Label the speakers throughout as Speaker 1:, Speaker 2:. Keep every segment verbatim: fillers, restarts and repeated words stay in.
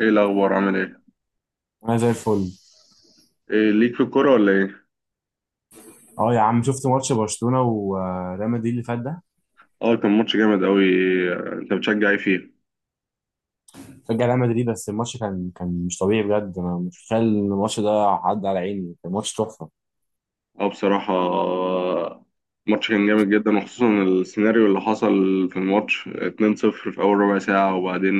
Speaker 1: ايه الاخبار، عامل ايه؟
Speaker 2: انا زي الفل.
Speaker 1: إيه ليك في الكوره ولا ايه؟
Speaker 2: اه يا عم، شفت ماتش برشلونه وريال مدريد اللي فات ده؟
Speaker 1: اه، كان ماتش جامد قوي. انت بتشجع ايه فيه؟
Speaker 2: رجع ريال مدريد، بس الماتش كان كان مش طبيعي بجد. انا مش متخيل ان الماتش ده عدى على عيني، كان ماتش تحفه.
Speaker 1: اه بصراحه، آه، الماتش كان جامد جدا، وخصوصا السيناريو اللي حصل في الماتش اتنين صفر في اول ربع ساعه. وبعدين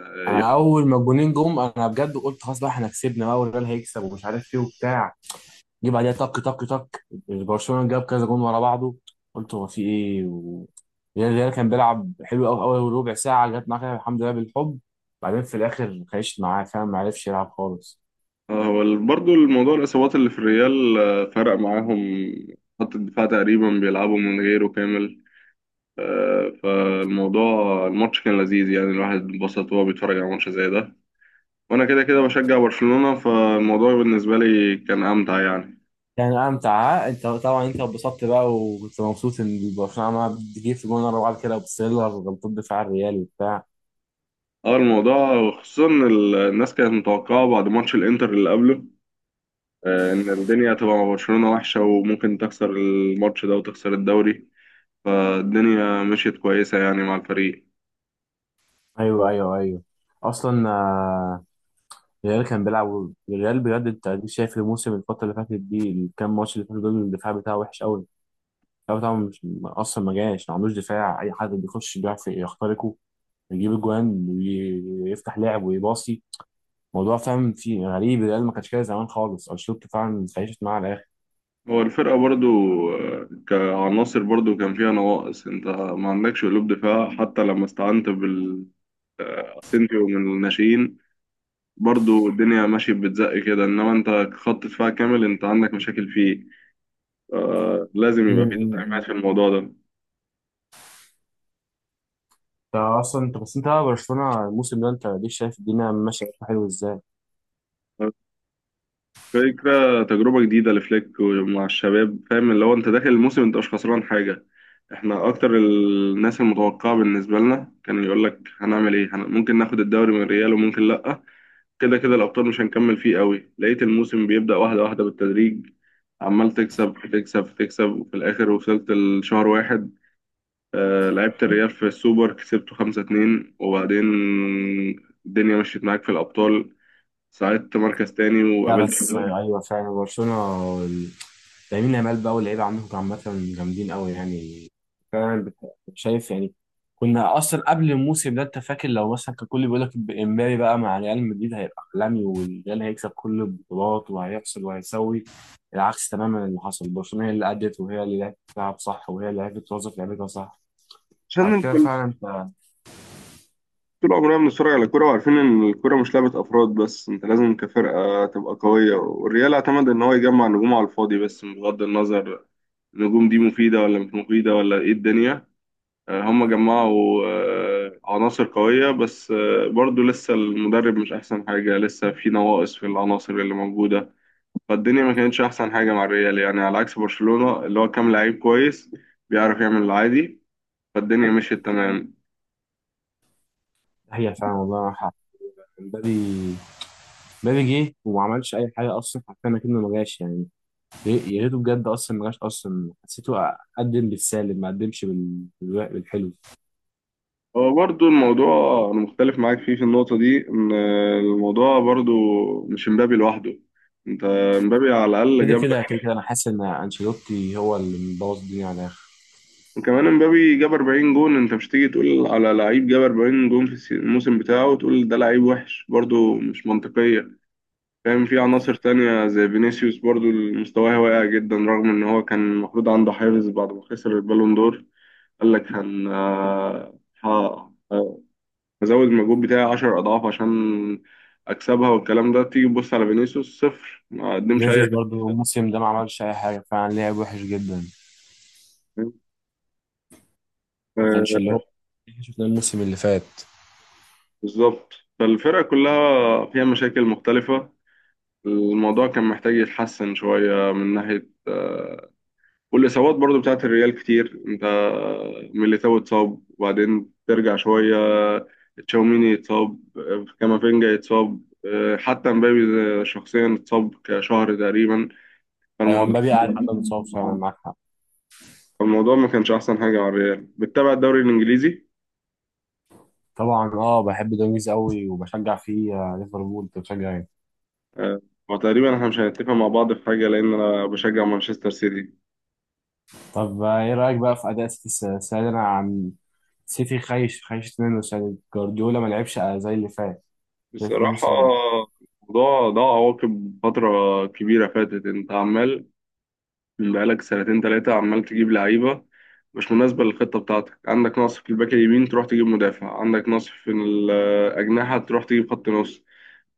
Speaker 1: آه، يخ...
Speaker 2: انا اول ما الجونين جم انا بجد قلت خلاص بقى احنا كسبنا بقى، والريال هيكسب ومش عارف ايه وبتاع. جه بعديها طك طك طك، برشلونه جاب كذا جون ورا بعضه. قلت هو في ايه و... الريال الريال كان بيلعب حلو قوي اول ربع ساعه، جت معاه كده الحمد لله بالحب. بعدين في الاخر خيشت معاه، فاهم، ما عرفش يلعب خالص.
Speaker 1: آه، هو برضه الموضوع الاصابات اللي في الريال، آه، فرق معاهم. خط الدفاع تقريبا بيلعبوا من غيره كامل. آه، فالموضوع الماتش كان لذيذ، يعني الواحد اتبسط وهو بيتفرج على ماتش زي ده. وانا كده كده بشجع برشلونة، فالموضوع بالنسبة لي كان امتع يعني.
Speaker 2: كان امتع. ها؟ انت طبعا انت اتبسطت بقى وكنت مبسوط ان برشلونه عماله بتجيب في جون ورا بعض كده وبتسيلر غلطات دفاع الريال وبتاع.
Speaker 1: اه، الموضوع خصوصا إن ال- الناس كانت متوقعة بعد ماتش الانتر اللي قبله، آه، ان الدنيا هتبقى مع برشلونة وحشة، وممكن تخسر الماتش ده وتخسر الدوري. فالدنيا مشيت كويسة يعني مع الفريق.
Speaker 2: ايوه ايوه ايوه، اصلا آه، الريال كان بيلعب، الريال بجد انت أديك شايف الموسم، الفتره اللي فاتت دي الكام ماتش اللي فاتوا دول الدفاع بتاعه وحش قوي. الدفاع بتاعه مش اصلا، ما جاش، ما عندوش دفاع، اي حد بيخش بيعرف يخترقه، يجيب اجوان ويفتح لعب ويباصي. موضوع فاهم في غريب، الريال ما كانش كده زمان خالص، انشيلوتي فعلا اتعيشت معاه على
Speaker 1: هو الفرقة برضو آه، كعناصر برضو كان فيها نواقص. انت ما عندكش قلوب دفاع، حتى لما استعنت بال آه، اسينسيو من الناشئين، برضو الدنيا ماشية بتزق كده. إنما أنت خط دفاع كامل، أنت عندك مشاكل فيه. آه، لازم يبقى في تدعيمات
Speaker 2: الاخر.
Speaker 1: في الموضوع ده.
Speaker 2: انت اصلا انت بس انت بقى برشلونه الموسم ده، انت ليك شايف الدنيا ماشيه حلو ازاي.
Speaker 1: فكرة تجربة جديدة لفليك ومع الشباب، فاهم؟ اللي هو أنت داخل الموسم أنت مش خسران حاجة. إحنا أكتر الناس المتوقعة، بالنسبة لنا كان يقول لك هنعمل إيه، هن... ممكن ناخد الدوري من ريال وممكن لأ. كده كده الأبطال مش هنكمل فيه قوي. لقيت الموسم بيبدأ واحدة واحدة بالتدريج، عمال تكسب تكسب تكسب، وفي الآخر وصلت لشهر واحد. آه، لعبت الريال في السوبر كسبته خمسة اتنين، وبعدين الدنيا مشيت معاك في الأبطال، ساعدت مركز تاني
Speaker 2: لا
Speaker 1: وقابلت
Speaker 2: بس
Speaker 1: حلول.
Speaker 2: آه، ايوه فعلا برشلونه ال- لامين يامال بقى واللعيبه عندكم عامه جامدين قوي يعني. فعلا بت- شايف يعني. كنا اصلا قبل الموسم ده انت فاكر، لو مثلا كان كل بيقول لك امبابي بقى مع ريال مدريد هيبقى عالمي والريال هيكسب كل البطولات وهيحصل وهيسوي. العكس تماما اللي حصل، برشلونه هي اللي ادت وهي اللي لعبت تلعب صح وهي اللي عرفت توظف لعبتها صح.
Speaker 1: عشان
Speaker 2: على
Speaker 1: انت
Speaker 2: كده فعلا انت.
Speaker 1: طول عمرنا بنتفرج على الكورة، وعارفين إن الكورة مش لعبة أفراد بس. أنت لازم كفرقة تبقى قوية، والريال اعتمد إن هو يجمع نجوم على الفاضي، بس بغض النظر النجوم دي مفيدة ولا مش مفيدة ولا إيه الدنيا. آه، هم جمعوا آه، عناصر قوية، بس آه، برضو لسه المدرب مش أحسن حاجة، لسه في نواقص في العناصر اللي موجودة. فالدنيا ما كانتش احسن حاجه مع الريال يعني، على عكس برشلونه اللي هو كام لعيب كويس بيعرف يعمل العادي. فالدنيا مشيت تمام.
Speaker 2: هي فعلا والله معاك حق. امبابي، مبابي جه وما عملش اي حاجه اصلا، حرفيا اكنه ما جاش يعني. يا ريته بجد اصلا ما جاش، اصلا حسيته قدم بالسالب، ما قدمش بال- بالو- بالحلو.
Speaker 1: هو برضو الموضوع، انا مختلف معاك فيه في النقطه دي. ان الموضوع برضو مش مبابي لوحده، انت مبابي على الاقل
Speaker 2: كده
Speaker 1: جاب لك.
Speaker 2: كده كده كده انا حاسس ان انشيلوتي هو اللي مبوظ الدنيا على الاخر.
Speaker 1: وكمان مبابي جاب اربعين جون، انت مش تيجي تقول على لعيب جاب اربعين جون في السي- الموسم بتاعه وتقول ده لعيب وحش، برضو مش منطقيه. فاهم؟ في عناصر تانية زي فينيسيوس برضو مستواه واقع جدا، رغم ان هو كان المفروض عنده حافز بعد ما خسر البالون دور. قال لك هن آه، ه- آه، هزود المجهود بتاعي عشر اضعاف عشان اكسبها. والكلام ده تيجي تبص على فينيسيوس صفر، ما قدمش اي
Speaker 2: ماتيز برضه
Speaker 1: حاجة.
Speaker 2: الموسم ده ما عملش اي حاجه، فعلا لعب وحش جدا. ما كانش اللي
Speaker 1: آه،
Speaker 2: هو اللي شفناه الموسم اللي فات.
Speaker 1: بالظبط. فالفرقة كلها فيها مشاكل مختلفة، الموضوع كان محتاج يتحسن شوية من ناحية. آه، والاصابات برضو بتاعت الريال كتير. انت ميليتاو اتصاب وبعدين ترجع شويه، تشاوميني اتصاب، كامافينجا اتصاب، اه، حتى مبابي شخصيا اتصاب كشهر تقريبا.
Speaker 2: آه،
Speaker 1: فالموضوع
Speaker 2: مبابي قاعد، حد متصاب فعلا، معاك حق.
Speaker 1: الموضوع ما كانش احسن حاجه على الريال. بتتابع الدوري الانجليزي؟
Speaker 2: طبعا اه، بحب دونجز قوي وبشجع فيه، آه، ليفربول أنت بتشجع؟
Speaker 1: آه، وتقريبا احنا مش هنتفق مع بعض في حاجه، لان انا بشجع مانشستر سيتي.
Speaker 2: طب آه، ايه رايك بقى في اداء سيتي الس- السنه دي؟ انا عن سيتي خايش، خايش منه السنه دي، جوارديولا ما لعبش زي اللي فات في
Speaker 1: بصراحه،
Speaker 2: الموسم ده.
Speaker 1: الموضوع ده عواقب فتره كبيره فاتت. انت عمال بقالك سنتين تلاتة، عمال تجيب لعيبة مش مناسبة للخطة بتاعتك. عندك نقص في الباك اليمين تروح تجيب مدافع، عندك نقص في الأجنحة تروح تجيب خط نص،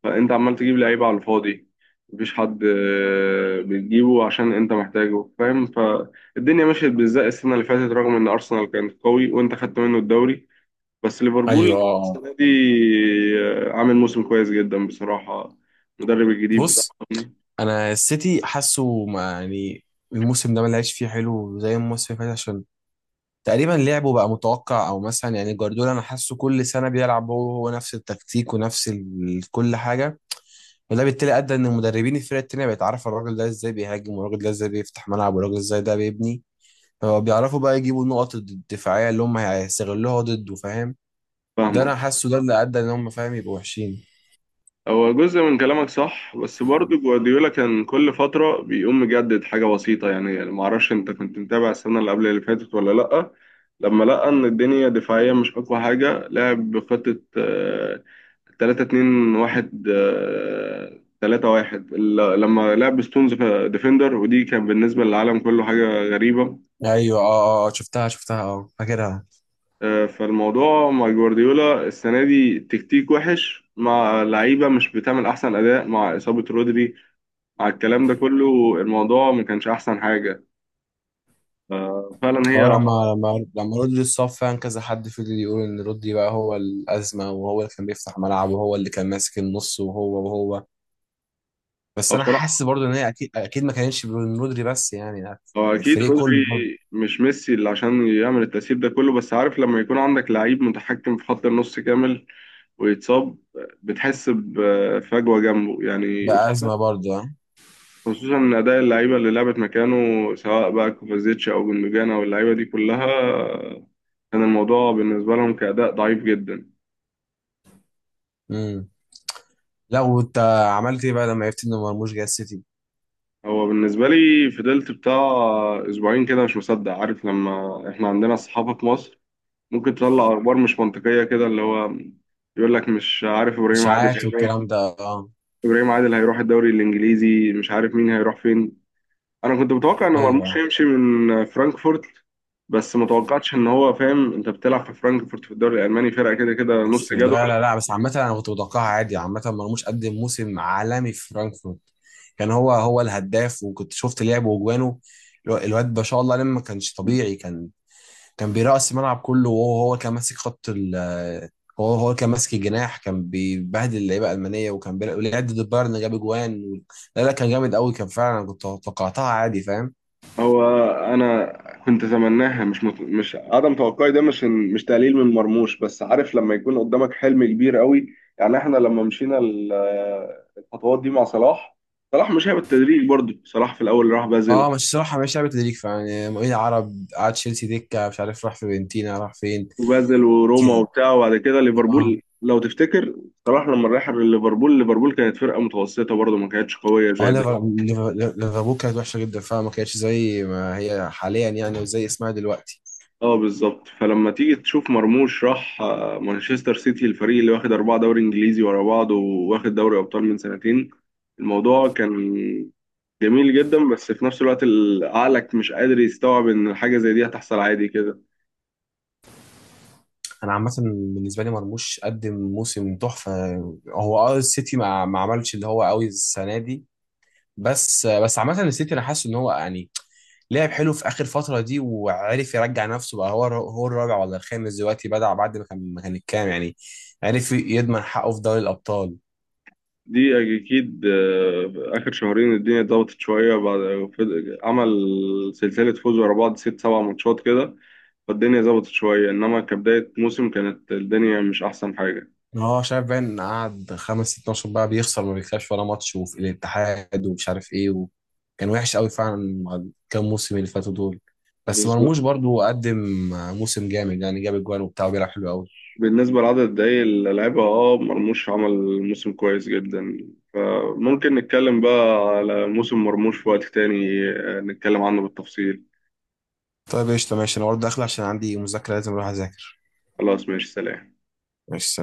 Speaker 1: فأنت عمال تجيب لعيبة على الفاضي. مفيش حد آه، بتجيبه عشان أنت محتاجه، فاهم؟ فالدنيا مشيت بالزق السنة اللي فاتت، رغم إن أرسنال كان قوي وأنت خدت منه الدوري. بس
Speaker 2: ايوه
Speaker 1: ليفربول
Speaker 2: اه آه.
Speaker 1: السنة دي آه، عامل موسم كويس جدا بصراحة، المدرب الجديد
Speaker 2: بص،
Speaker 1: بتاعهم.
Speaker 2: انا السيتي حاسه ما- يعني الموسم ده ما لعبش فيه حلو زي الموسم اللي فات عشان تقريبا لعبه بقى متوقع. او مثلا يعني جوارديولا انا حاسه كل سنه بيلعب هو هو نفس التكتيك ونفس ال- كل حاجه. وده بالتالي ادى ان المدربين الفرق التانيه بقت عارفه الراجل ده ازاي بيهاجم والراجل ده ازاي بيفتح ملعب والراجل ازاي ده بيبني. هو بيعرفوا بقى يجيبوا النقط الدفاعية اللي هم هيستغلوها ضده، فاهم. ده
Speaker 1: فاهمة؟
Speaker 2: انا حاسه ده اللي ادى ان هم فاهم يبقوا وحشين.
Speaker 1: هو جزء من كلامك صح، بس برضه جوارديولا كان كل فترة بيقوم مجدد حاجة بسيطة. يعني معرفش انت كنت متابع السنة اللي قبل اللي فاتت ولا لأ. لما لقى ان الدنيا دفاعيا مش اقوى حاجة، لعب بخطة آه، ثلاثة اتنين واحد، آه، ثلاثة واحد، ال- لما لعب ستونز ديفندر ودي كان بالنسبة للعالم كله حاجة غريبة.
Speaker 2: ايوه اه اه آه، شفتها شفتها اه، فاكرها.
Speaker 1: آه، فالموضوع مع جوارديولا السنة دي تكتيك وحش، مع لعيبة مش بتعمل أحسن أداء، مع إصابة رودري، على الكلام ده كله الموضوع ما كانش احسن حاجه. آه، فعلا
Speaker 2: اه،
Speaker 1: هي.
Speaker 2: لما لما لما رودري اتصاب فعلا كذا حد فضل يقول ان رودري بقى هو الازمه، وهو اللي كان بيفتح ملعب وهو اللي كان ماسك النص وهو وهو. بس
Speaker 1: أو
Speaker 2: انا حاسس
Speaker 1: بصراحه،
Speaker 2: برضه ان هي اكيد اكيد ما كانتش من رودري بس يعني يعني.
Speaker 1: هو اكيد
Speaker 2: الفريق كله
Speaker 1: رودري
Speaker 2: برضه
Speaker 1: مش ميسي اللي عشان يعمل التأثير ده كله، بس عارف لما يكون عندك لعيب متحكم في خط النص كامل ويتصاب، بتحس بفجوه جنبه يعني.
Speaker 2: بقى ازمه برضه اه.
Speaker 1: خصوصا ان اداء اللعيبه اللي لعبت مكانه، سواء بقى كوفازيتش او جندوجان او اللعيبه دي كلها، كان الموضوع بالنسبه لهم كأداء ضعيف جدا.
Speaker 2: امم، لا، وانت عملت ايه بقى لما عرفت ان مرموش جاي السيتي؟
Speaker 1: هو بالنسبة لي فضلت بتاع أسبوعين كده مش مصدق. عارف؟ لما إحنا عندنا الصحافة في مصر ممكن تطلع أخبار مش منطقية كده، اللي هو يقول لك مش عارف إبراهيم عادل
Speaker 2: اشاعات
Speaker 1: هيروح
Speaker 2: والكلام ده اه.
Speaker 1: إبراهيم عادل هيروح الدوري الإنجليزي، مش عارف مين هيروح فين. أنا كنت متوقع إن مرموش
Speaker 2: ايوه،
Speaker 1: يمشي من فرانكفورت، بس متوقعتش إن هو، فاهم؟ أنت بتلعب في فرانكفورت في الدوري الألماني، فرقة كده كده نص
Speaker 2: بس
Speaker 1: جدول.
Speaker 2: لا لا لا بس عامة انا كنت متوقعها عادي. عامة مرموش قدم موسم عالمي في فرانكفورت، كان هو هو الهداف وكنت شفت لعبه وجوانه. الو- الواد ما شاء الله لما ما كانش طبيعي، كان كان بيرقص الملعب كله، وهو هو كان ماسك خط ال هو هو كان ماسك الجناح، كان بيبهدل اللعيبة الألمانية وكان بيلعب، ولعب ضد البايرن جاب جوان و... لا لا، كان جامد قوي كان فعلا. أنا كنت توقعتها عادي، فاهم.
Speaker 1: هو انا كنت اتمناها، مش مت... مش عدم توقعي ده، مش مش تقليل من مرموش، بس عارف لما يكون قدامك حلم كبير قوي. يعني احنا لما مشينا ال- الخطوات دي مع صلاح، صلاح مش هي بالتدريج برضه. صلاح في الاول راح بازل،
Speaker 2: اه، مش صراحة مش لعبة تدريج فعلا، يعني مؤيد عرب قعد تشيلسي دكة، مش عارف راح فيورنتينا راح فين.
Speaker 1: وبازل وروما
Speaker 2: كان
Speaker 1: وبتاع، وبعد كده
Speaker 2: آه.
Speaker 1: ليفربول لو تفتكر. صلاح لما راح ليفربول، ليفربول كانت فرقه متوسطه برضه، ما كانتش قويه
Speaker 2: اه،
Speaker 1: زي
Speaker 2: ليفر-
Speaker 1: دلوقتي.
Speaker 2: ليفر- ليفربول كانت وحشه جدا فعلا، ما كانتش زي ما هي حاليا يعني وزي اسمها دلوقتي.
Speaker 1: اه بالظبط. فلما تيجي تشوف مرموش راح آه، مانشستر سيتي، الفريق اللي واخد أربعة دوري إنجليزي ورا بعض وواخد دوري أبطال من سنتين، الموضوع كان جميل جدا. بس في نفس الوقت ال- عقلك مش قادر يستوعب إن حاجة زي دي هتحصل عادي كده.
Speaker 2: انا عامه بالنسبه لي مرموش قدم موسم تحفه. هو اه السيتي ما, ما عملش اللي هو قوي السنه دي. بس بس عامه السيتي انا حاسس ان هو يعني لعب حلو في اخر فتره دي وعرف يرجع نفسه بقى، هو هو الرابع ولا الخامس دلوقتي بدع، بعد ما كان ما كان الكام يعني. عرف يضمن حقه في دوري الابطال.
Speaker 1: دي أكيد. آه، آخر شهرين الدنيا اتظبطت شوية بعد، فض- عمل سلسلة فوز ورا بعض ست سبع ماتشات كده. فالدنيا ظبطت شوية، إنما كبداية موسم كانت الدنيا مش أحسن حاجة.
Speaker 2: هو شايف باين قعد خمس ست ماتشات بقى بيخسر، ما بيكسبش ولا ماتش، وفي الاتحاد ومش عارف ايه و... كان وحش قوي فعلا مع الكام موسم اللي فاتوا دول. بس مرموش برضو قدم موسم جامد يعني، جاب اجوان وبتاع وبيلعب حلو قوي.
Speaker 1: بالنسبة لعدد الدقايق اللي لعبها، اه، مرموش عمل موسم كويس جدا. فممكن نتكلم بقى على موسم مرموش في وقت تاني، آه، نتكلم عنه بالتفصيل.
Speaker 2: طيب قشطة ماشي، انا برضه داخل عشان عندي مذاكرة لازم اروح اذاكر.
Speaker 1: خلاص، ماشي، سلام.
Speaker 2: ماشي.